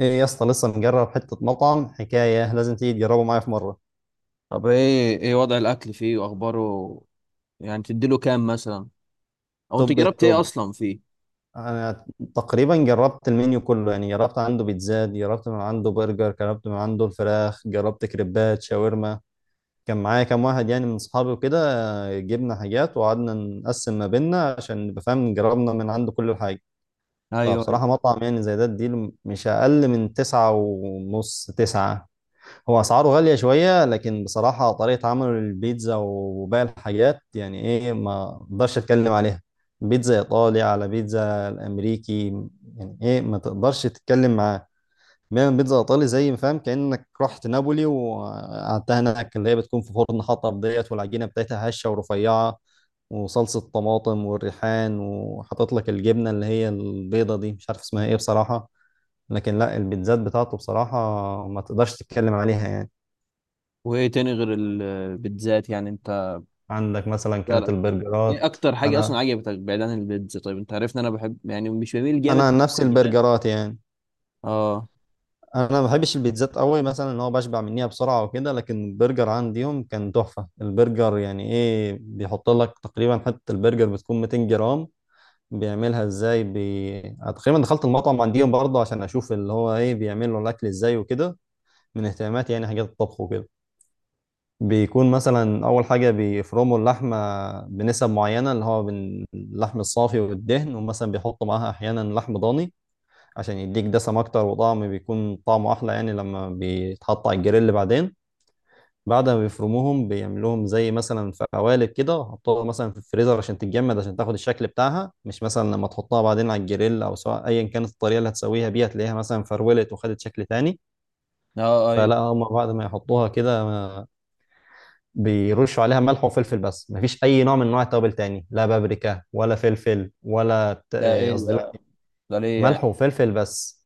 ايه يا اسطى لسه مجرب حتة مطعم حكاية، لازم تيجي تجربه معايا في مرة. طب، ايه وضع الاكل فيه واخباره؟ يعني تديله كام مثلا؟ او انت توب جربت ايه التوب. اصلا فيه؟ انا تقريبا جربت المنيو كله، يعني جربت عنده بيتزات، جربت من عنده برجر، جربت من عنده الفراخ، جربت كريبات شاورما. كان معايا كام واحد يعني من اصحابي وكده. جبنا حاجات وقعدنا نقسم ما بيننا عشان نبقى فاهم، جربنا من عنده كل حاجة. ايوه ايوه. فبصراحة مطعم يعني زي ده اديله مش اقل من تسعة ونص، تسعة. هو اسعاره غاليه شويه، لكن بصراحه طريقه عمله للبيتزا وباقي الحاجات يعني ايه، ما اقدرش اتكلم عليها. بيتزا ايطالي على بيتزا الامريكي، يعني ايه ما تقدرش تتكلم معاه. بيعمل بيتزا ايطالي زي ما فاهم كانك رحت نابولي وقعدتها هناك، اللي هي بتكون في فرن حطب ديت، والعجينه بتاعتها هشه ورفيعه، وصلصه طماطم والريحان، وحاطط لك الجبنه اللي هي البيضه دي مش عارف اسمها ايه بصراحه. لكن لا، البيتزات بتاعته بصراحه ما تقدرش تتكلم عليها يعني. وايه تاني غير البيتزات يعني انت عندك مثلا كانت سألك؟ ايه البرجرات. اكتر حاجه اصلا انا عجبتك بعيد عن البيتزا؟ طيب، انت عارف ان انا بحب، يعني، مش بميل جامد انا عن نفسي للمعجنات. البرجرات يعني، اه. انا ما بحبش البيتزات قوي، مثلا ان هو بشبع منيها بسرعه وكده، لكن البرجر عنديهم كان تحفه. البرجر يعني ايه، بيحط لك تقريبا حته البرجر بتكون 200 جرام. أنا تقريبا دخلت المطعم عنديهم برضه عشان اشوف اللي هو ايه بيعملوا الاكل ازاي وكده، من اهتماماتي يعني حاجات الطبخ وكده. بيكون مثلا اول حاجه بيفرموا اللحمه بنسب معينه، اللي هو من اللحم الصافي والدهن، ومثلا بيحطوا معاها احيانا لحم ضاني عشان يديك دسم اكتر وطعم بيكون طعمه احلى يعني لما بيتحط على الجريل بعدين. بعد ما بيفرموهم بيعملوهم زي مثلا في قوالب كده وحطوها مثلا في الفريزر عشان تتجمد، عشان تاخد الشكل بتاعها، مش مثلا لما تحطها بعدين على الجريل او سواء ايا كانت الطريقه اللي هتسويها بيها تلاقيها مثلا فرولت وخدت شكل تاني. اه. فلا، ايوه. هم بعد ما يحطوها كده بيرشوا عليها ملح وفلفل بس، مفيش اي نوع من انواع التوابل تاني، لا بابريكا ولا فلفل ولا ده ايه قصدي لا، ده؟ ده ليه يعني؟ ملح وفلفل بس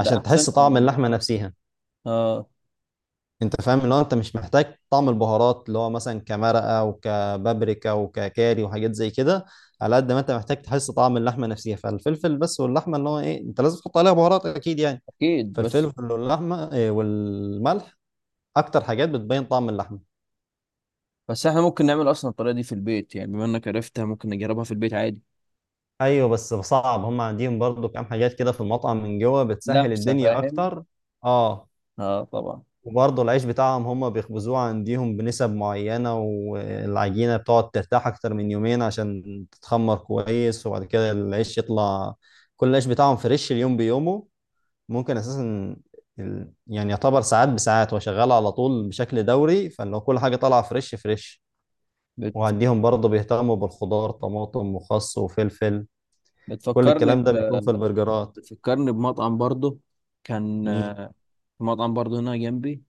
ده احسن تحس كان طعم بالنسبه اللحمه لك. نفسها. اه، انت فاهم اللي هو انت مش محتاج طعم البهارات اللي هو مثلا كمرقه وكبابريكا وككاري وحاجات زي كده، على قد ما انت محتاج تحس طعم اللحمه نفسها، فالفلفل بس واللحمه اللي هو ايه انت لازم تحط عليها بهارات اكيد يعني. اكيد. بس فالفلفل واللحمه والملح اكتر حاجات بتبين طعم اللحمه. بس احنا ممكن نعمل اصلا الطريقه دي في البيت، يعني بما انك عرفتها ممكن نجربها في البيت عادي. ايوه بس صعب، هم عندهم برضو كام حاجات كده في المطعم من جوه بتسهل لمسه، الدنيا فاهم. اكتر. اه. اه، طبعا. وبرضو العيش بتاعهم هم بيخبزوه عندهم بنسب معينة، والعجينة بتقعد ترتاح اكتر من يومين عشان تتخمر كويس، وبعد كده العيش يطلع. كل العيش بتاعهم فريش اليوم بيومه، ممكن اساسا يعني يعتبر ساعات بساعات هو شغال على طول بشكل دوري، فلو كل حاجة طالعة فريش فريش. بت... وعندهم برضو بيهتموا بالخضار، طماطم وخس وفلفل. كل الكلام بتفكرني ده بيكون في البرجرات. بتفكرني بمطعم برضه، كان مين؟ مطعم برضه هنا جنبي،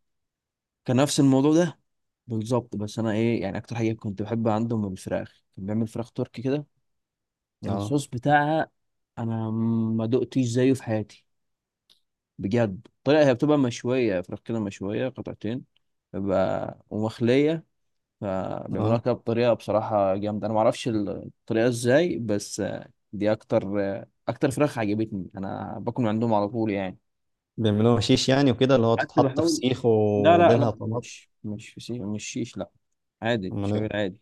كان نفس الموضوع ده بالظبط. بس انا ايه يعني اكتر حاجه كنت بحب عندهم الفراخ، كان بيعمل فراخ تركي كده، اه. الصوص بتاعها انا ما دقتش زيه في حياتي بجد. الطريقه هي بتبقى مشويه، فراخ كده مشويه قطعتين، بيبقى ومخليه. فبيعملوها اه، كده بطريقه بصراحه جامده، انا ما اعرفش الطريقه ازاي، بس دي اكتر فراخ عجبتني، انا باكل من عندهم على طول يعني. بيعملوها شيش يعني وكده، اللي هو قعدت تتحط في بحاول. سيخ لا لا لا، وبينها طماطم. مش فسيخ، مش شيش، لا. عادي، امال شعير ايه. عادي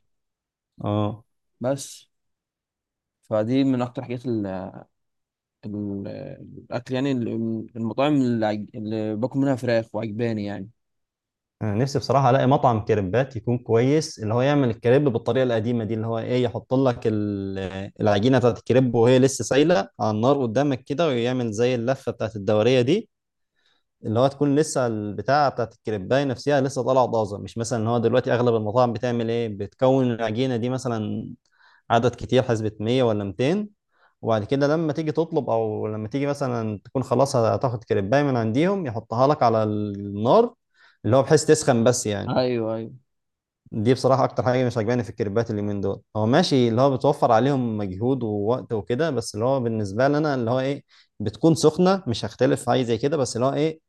اه. بس. فدي من اكتر حاجات ال ال الاكل، يعني المطاعم اللي باكل منها فراخ وعجباني يعني. انا نفسي بصراحه الاقي مطعم كريبات يكون كويس، اللي هو يعمل الكريب بالطريقه القديمه دي، اللي هو ايه، يحط لك العجينه بتاعت الكريب وهي لسه سايله على النار قدامك كده، ويعمل زي اللفه بتاعت الدوريه دي، اللي هو تكون لسه البتاعة بتاعت الكريباية نفسها لسه طالعة طازة. مش مثلا ان هو دلوقتي اغلب المطاعم بتعمل ايه، بتكون العجينة دي مثلا عدد كتير، حسبة 100 ولا 200، وبعد كده لما تيجي تطلب او لما تيجي مثلا تكون خلاص هتاخد كريباية من عنديهم يحطها لك على النار، اللي هو بحيث تسخن بس يعني. ايوه ايوه. دي بصراحة اكتر حاجة مش عجباني في الكريبات اليومين دول. هو ماشي اللي هو بتوفر عليهم مجهود ووقت وكده، بس اللي هو بالنسبة لنا اللي هو ايه، بتكون سخنة مش هختلف في حاجة زي كده، بس اللي هو ايه،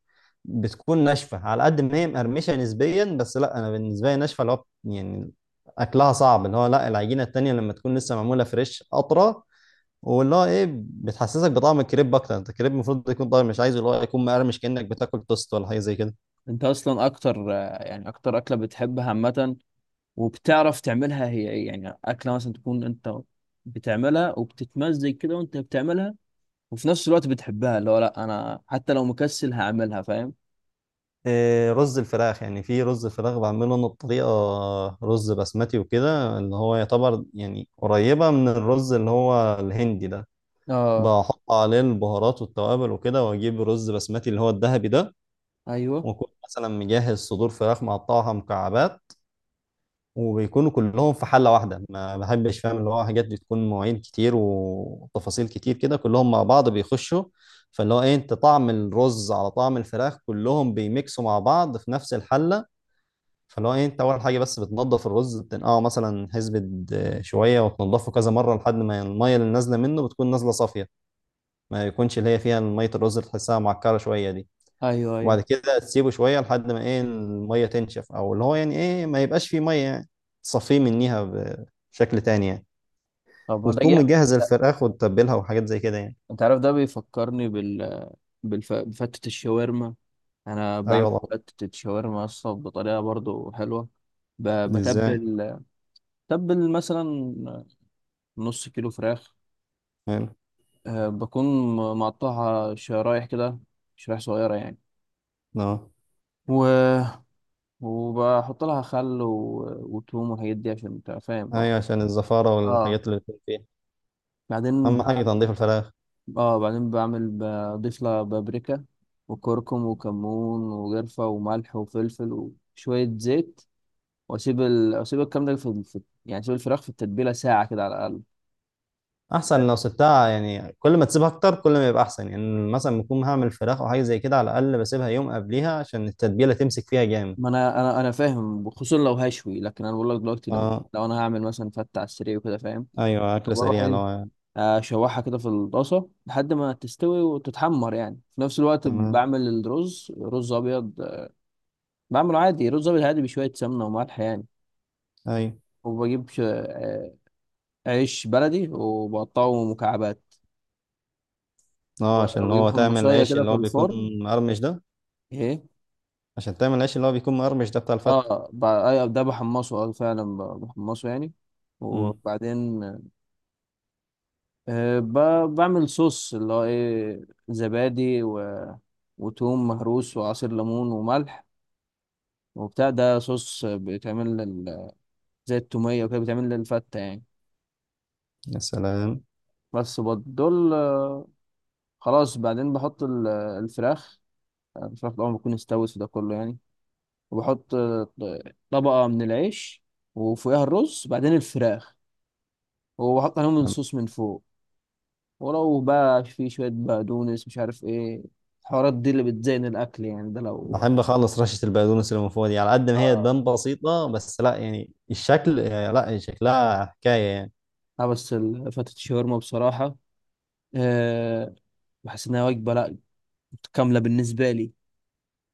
بتكون ناشفه. على قد ما هي مقرمشه نسبيا، بس لا انا بالنسبه لي ناشفه، اللي هو يعني اكلها صعب. اللي هو لا، العجينه التانيه لما تكون لسه معموله فريش اطرى، واللي هو ايه بتحسسك بطعم الكريب اكتر. انت الكريب المفروض يكون طعم، مش عايزه اللي هو يكون مقرمش كانك بتاكل توست ولا حاجه زي كده. انت اصلا اكتر، يعني اكتر اكله بتحبها عامه وبتعرف تعملها، هي ايه يعني اكله مثلا تكون انت بتعملها وبتتمزج كده وانت بتعملها، وفي نفس الوقت بتحبها؟ اللي هو لا، انا حتى لو مكسل هعملها، فاهم. إيه رز الفراخ يعني؟ في رز الفراخ بعمله انا بطريقه، رز بسمتي وكده، اللي هو يعتبر يعني قريبه من الرز اللي هو الهندي ده. اه. بحط عليه البهارات والتوابل وكده، واجيب رز بسمتي اللي هو الذهبي ده، ايوه واكون مثلا مجهز صدور فراخ مقطعها مكعبات، وبيكونوا كلهم في حله واحده. ما بحبش فاهم اللي هو حاجات بتكون مواعين كتير وتفاصيل كتير كده، كلهم مع بعض بيخشوا. فاللي هو ايه انت، طعم الرز على طعم الفراخ، كلهم بيميكسوا مع بعض في نفس الحله. فاللي هو ايه انت، اول حاجه بس بتنضف الرز، بتنقعه مثلا حسبه شويه، وتنضفه كذا مره لحد ما الميه اللي نازله منه بتكون نازله صافيه، ما يكونش اللي هي فيها ميه الرز اللي تحسها معكره شويه دي. ايوه ايوه. وبعد كده تسيبه شوية لحد ما ايه المية تنشف، او اللي هو يعني ايه ما يبقاش فيه مية يعني، تصفيه منيها بشكل تاني يعني. طب ما ده وتكون مجهز جامد. الفراخ وتتبلها وحاجات زي كده يعني. انت عارف ده بيفكرني بفتة الشاورما. انا ايوه بعمل والله. فتة شاورما اصلا بطريقة برضو حلوة. ب... دي ازاي؟ بتبل بتبل مثلا نص كيلو فراخ. حلو. أه، بكون مقطعها شرايح كده، شرايح صغيرة يعني. اه و... وبحط لها خل وتوم والحاجات دي، عشان انت فاهم طبعا. ايوه، عشان الزفارة اه، والحاجات اللي بتكون فيها، بعدين. اهم حاجة تنظيف الفراخ. بعمل، بضيف لها بابريكا وكركم وكمون وقرفة وملح وفلفل وشوية زيت. واسيب الكلام ده، في يعني اسيب الفراخ في التتبيله ساعه كده على الاقل. احسن لو سبتها يعني، كل ما تسيبها اكتر كل ما يبقى احسن يعني، مثلا بكون هعمل فراخ او حاجة زي كده على الاقل بسيبها يوم قبليها عشان التتبيلة تمسك فيها جامد. ما انا فاهم، خصوصا لو هشوي. لكن انا بقول لك دلوقتي، لو, اه. لو انا هعمل مثلا فته على السريع وكده، فاهم. ايوه، اكل بروح، سريع ايه، لو. اشوحها كده في الطاسه لحد ما تستوي وتتحمر، يعني في نفس الوقت تمام. بعمل الرز، رز ابيض. بعمله عادي رز ابيض عادي بشويه سمنه وملح يعني. ايوه. وبجيب عيش بلدي وبقطعه مكعبات، اه، عشان وبجيب هو تعمل حمصيه العيش كده اللي في هو بيكون الفرن. مقرمش ده. ايه. عشان تعمل العيش اللي هو بيكون مقرمش ده بتاع الفتة. اه، أيوة، ده بحمصه، اه فعلا بحمصه يعني. امم. وبعدين بعمل صوص، اللي هو ايه، زبادي وتوم مهروس وعصير ليمون وملح. وبتاع ده صوص بيتعمل زي التومية وكده بيتعمل للفتة يعني. يا سلام. بس دول، خلاص، بعدين بحط الفراخ. الفراخ طبعا بتكون استوت في ده كله يعني. وبحط طبقة من العيش، وفوقها الرز، بعدين الفراخ، وبحط عليهم يعني الصوص من فوق. ولو بقى في شوية بقدونس، مش عارف ايه الحوارات دي اللي بتزين الأكل يعني، ده لو. بحب اخلص رشة البقدونس اللي من فوق دي، على قد ما هي اه تبان بسيطة، بس لا يعني الشكل يعني، لا شكلها حكاية يعني. اه، بس فتة الشاورما بصراحة، أه، بحس إنها وجبة، لأ، متكاملة بالنسبة لي.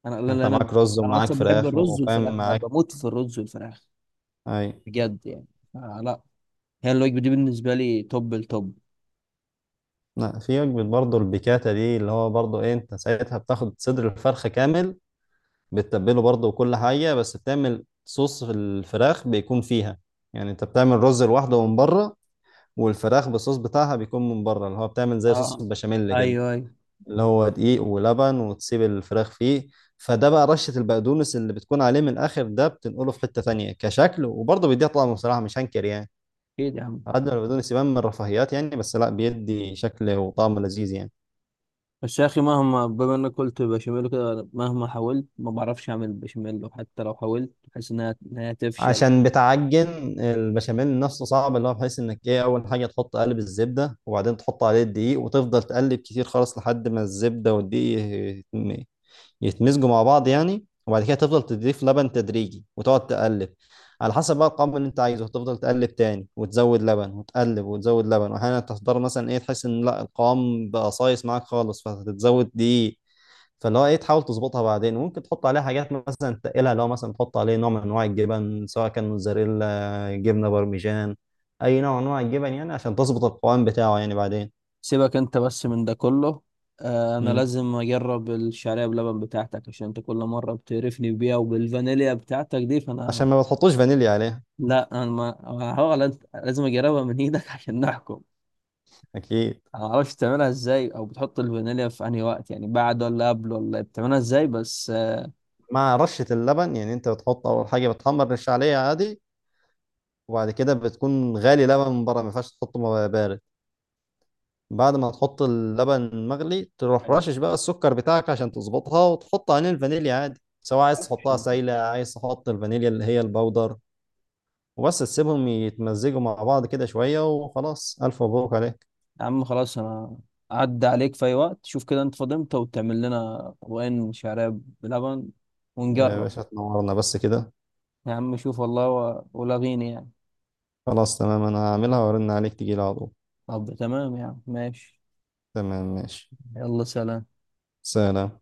أنا، لأن انت أنا معاك رز أنا ومعاك أصلا بحب فراخ الرز والفراخ، وفاهم أنا معاك. بموت في الرز والفراخ اي. بجد يعني. آه، لأ، هي الوجبة دي بالنسبة لي توب التوب. لا، في وجبة برضه البيكاتا دي، اللي هو برضه ايه، انت ساعتها بتاخد صدر الفرخة كامل، بتتبله برضه وكل حاجة، بس بتعمل صوص في الفراخ بيكون فيها. يعني انت بتعمل رز لوحده من بره، والفراخ بالصوص بتاعها بيكون من بره، اللي هو بتعمل زي صوص اه. البشاميل كده، أيوه أيوه. اللي هو دقيق ولبن وتسيب الفراخ فيه. فده بقى رشة البقدونس اللي بتكون عليه من الآخر ده بتنقله في حتة تانية كشكل، وبرضه بيديها طعم بصراحة مش هنكر يعني. أكيد يا عم. على قد ما البقدونس يبان من الرفاهيات يعني، بس لا بيدي شكل وطعم لذيذ يعني. بس يا أخي، مهما بما إنك قلت بشاميل كده، مهما حاولت ما بعرفش أعمل بشاميل، وحتى لو حاولت بحس إنها تفشل. عشان بتعجن البشاميل نفسه صعب، اللي هو بحيث انك ايه، اول حاجة تحط قالب الزبدة وبعدين تحط عليه الدقيق، وتفضل تقلب كتير خالص لحد ما الزبدة والدقيق يتمزجوا مع بعض يعني، وبعد كده تفضل تضيف لبن تدريجي وتقعد تقلب. على حسب بقى القوام اللي انت عايزه تفضل تقلب تاني وتزود لبن، وتقلب وتزود لبن، واحيانا تضطر مثلا ايه تحس ان لا القوام بقى صايص معاك خالص فتتزود دي. فاللي هو ايه، تحاول تظبطها بعدين. وممكن تحط عليها حاجات مثلا تقلها، لو مثلا تحط عليه نوع من انواع الجبن سواء كان موتزاريلا، جبنه بارميجان، اي نوع من انواع الجبن يعني، عشان تظبط القوام بتاعه يعني بعدين. سيبك انت بس من ده كله. انا مم. لازم اجرب الشعريه بلبن بتاعتك، عشان انت كل مره بتقرفني بيها وبالفانيليا بتاعتك دي، فانا، عشان ما بتحطوش فانيليا عليها. لا، انا ما هو لازم اجربها من ايدك عشان نحكم. اكيد. انا معرفش تعملها ازاي، او بتحط الفانيليا في انهي وقت؟ يعني بعد ولا قبل ولا إيه؟ بتعملها ازاي بس؟ مع رشة اللبن، يعني انت بتحط اول حاجة بتحمر، رش عليه عادي، وبعد كده بتكون غالي لبن من بره، ما ينفعش تحطه بارد. بعد ما تحط اللبن مغلي تروح رشش بقى السكر بتاعك عشان تظبطها، وتحط عليه الفانيليا عادي، سواء عايز تحطها سايلة عايز تحط الفانيليا اللي هي البودر، وبس تسيبهم يتمزجوا مع بعض كده شوية وخلاص، ألف مبروك عليك. يا عم، خلاص، انا عدى عليك في اي وقت، شوف كده انت فاضي امتى وتعمل لنا طبقين شعريه بلبن يا ونجرب. باشا تنورنا بس كده. يا عم شوف والله، ولاغيني يعني. خلاص تمام، أنا هعملها وأرن عليك تجيلي على طول. طب تمام يا عم، ماشي. تمام ماشي. يلا، سلام. سلام.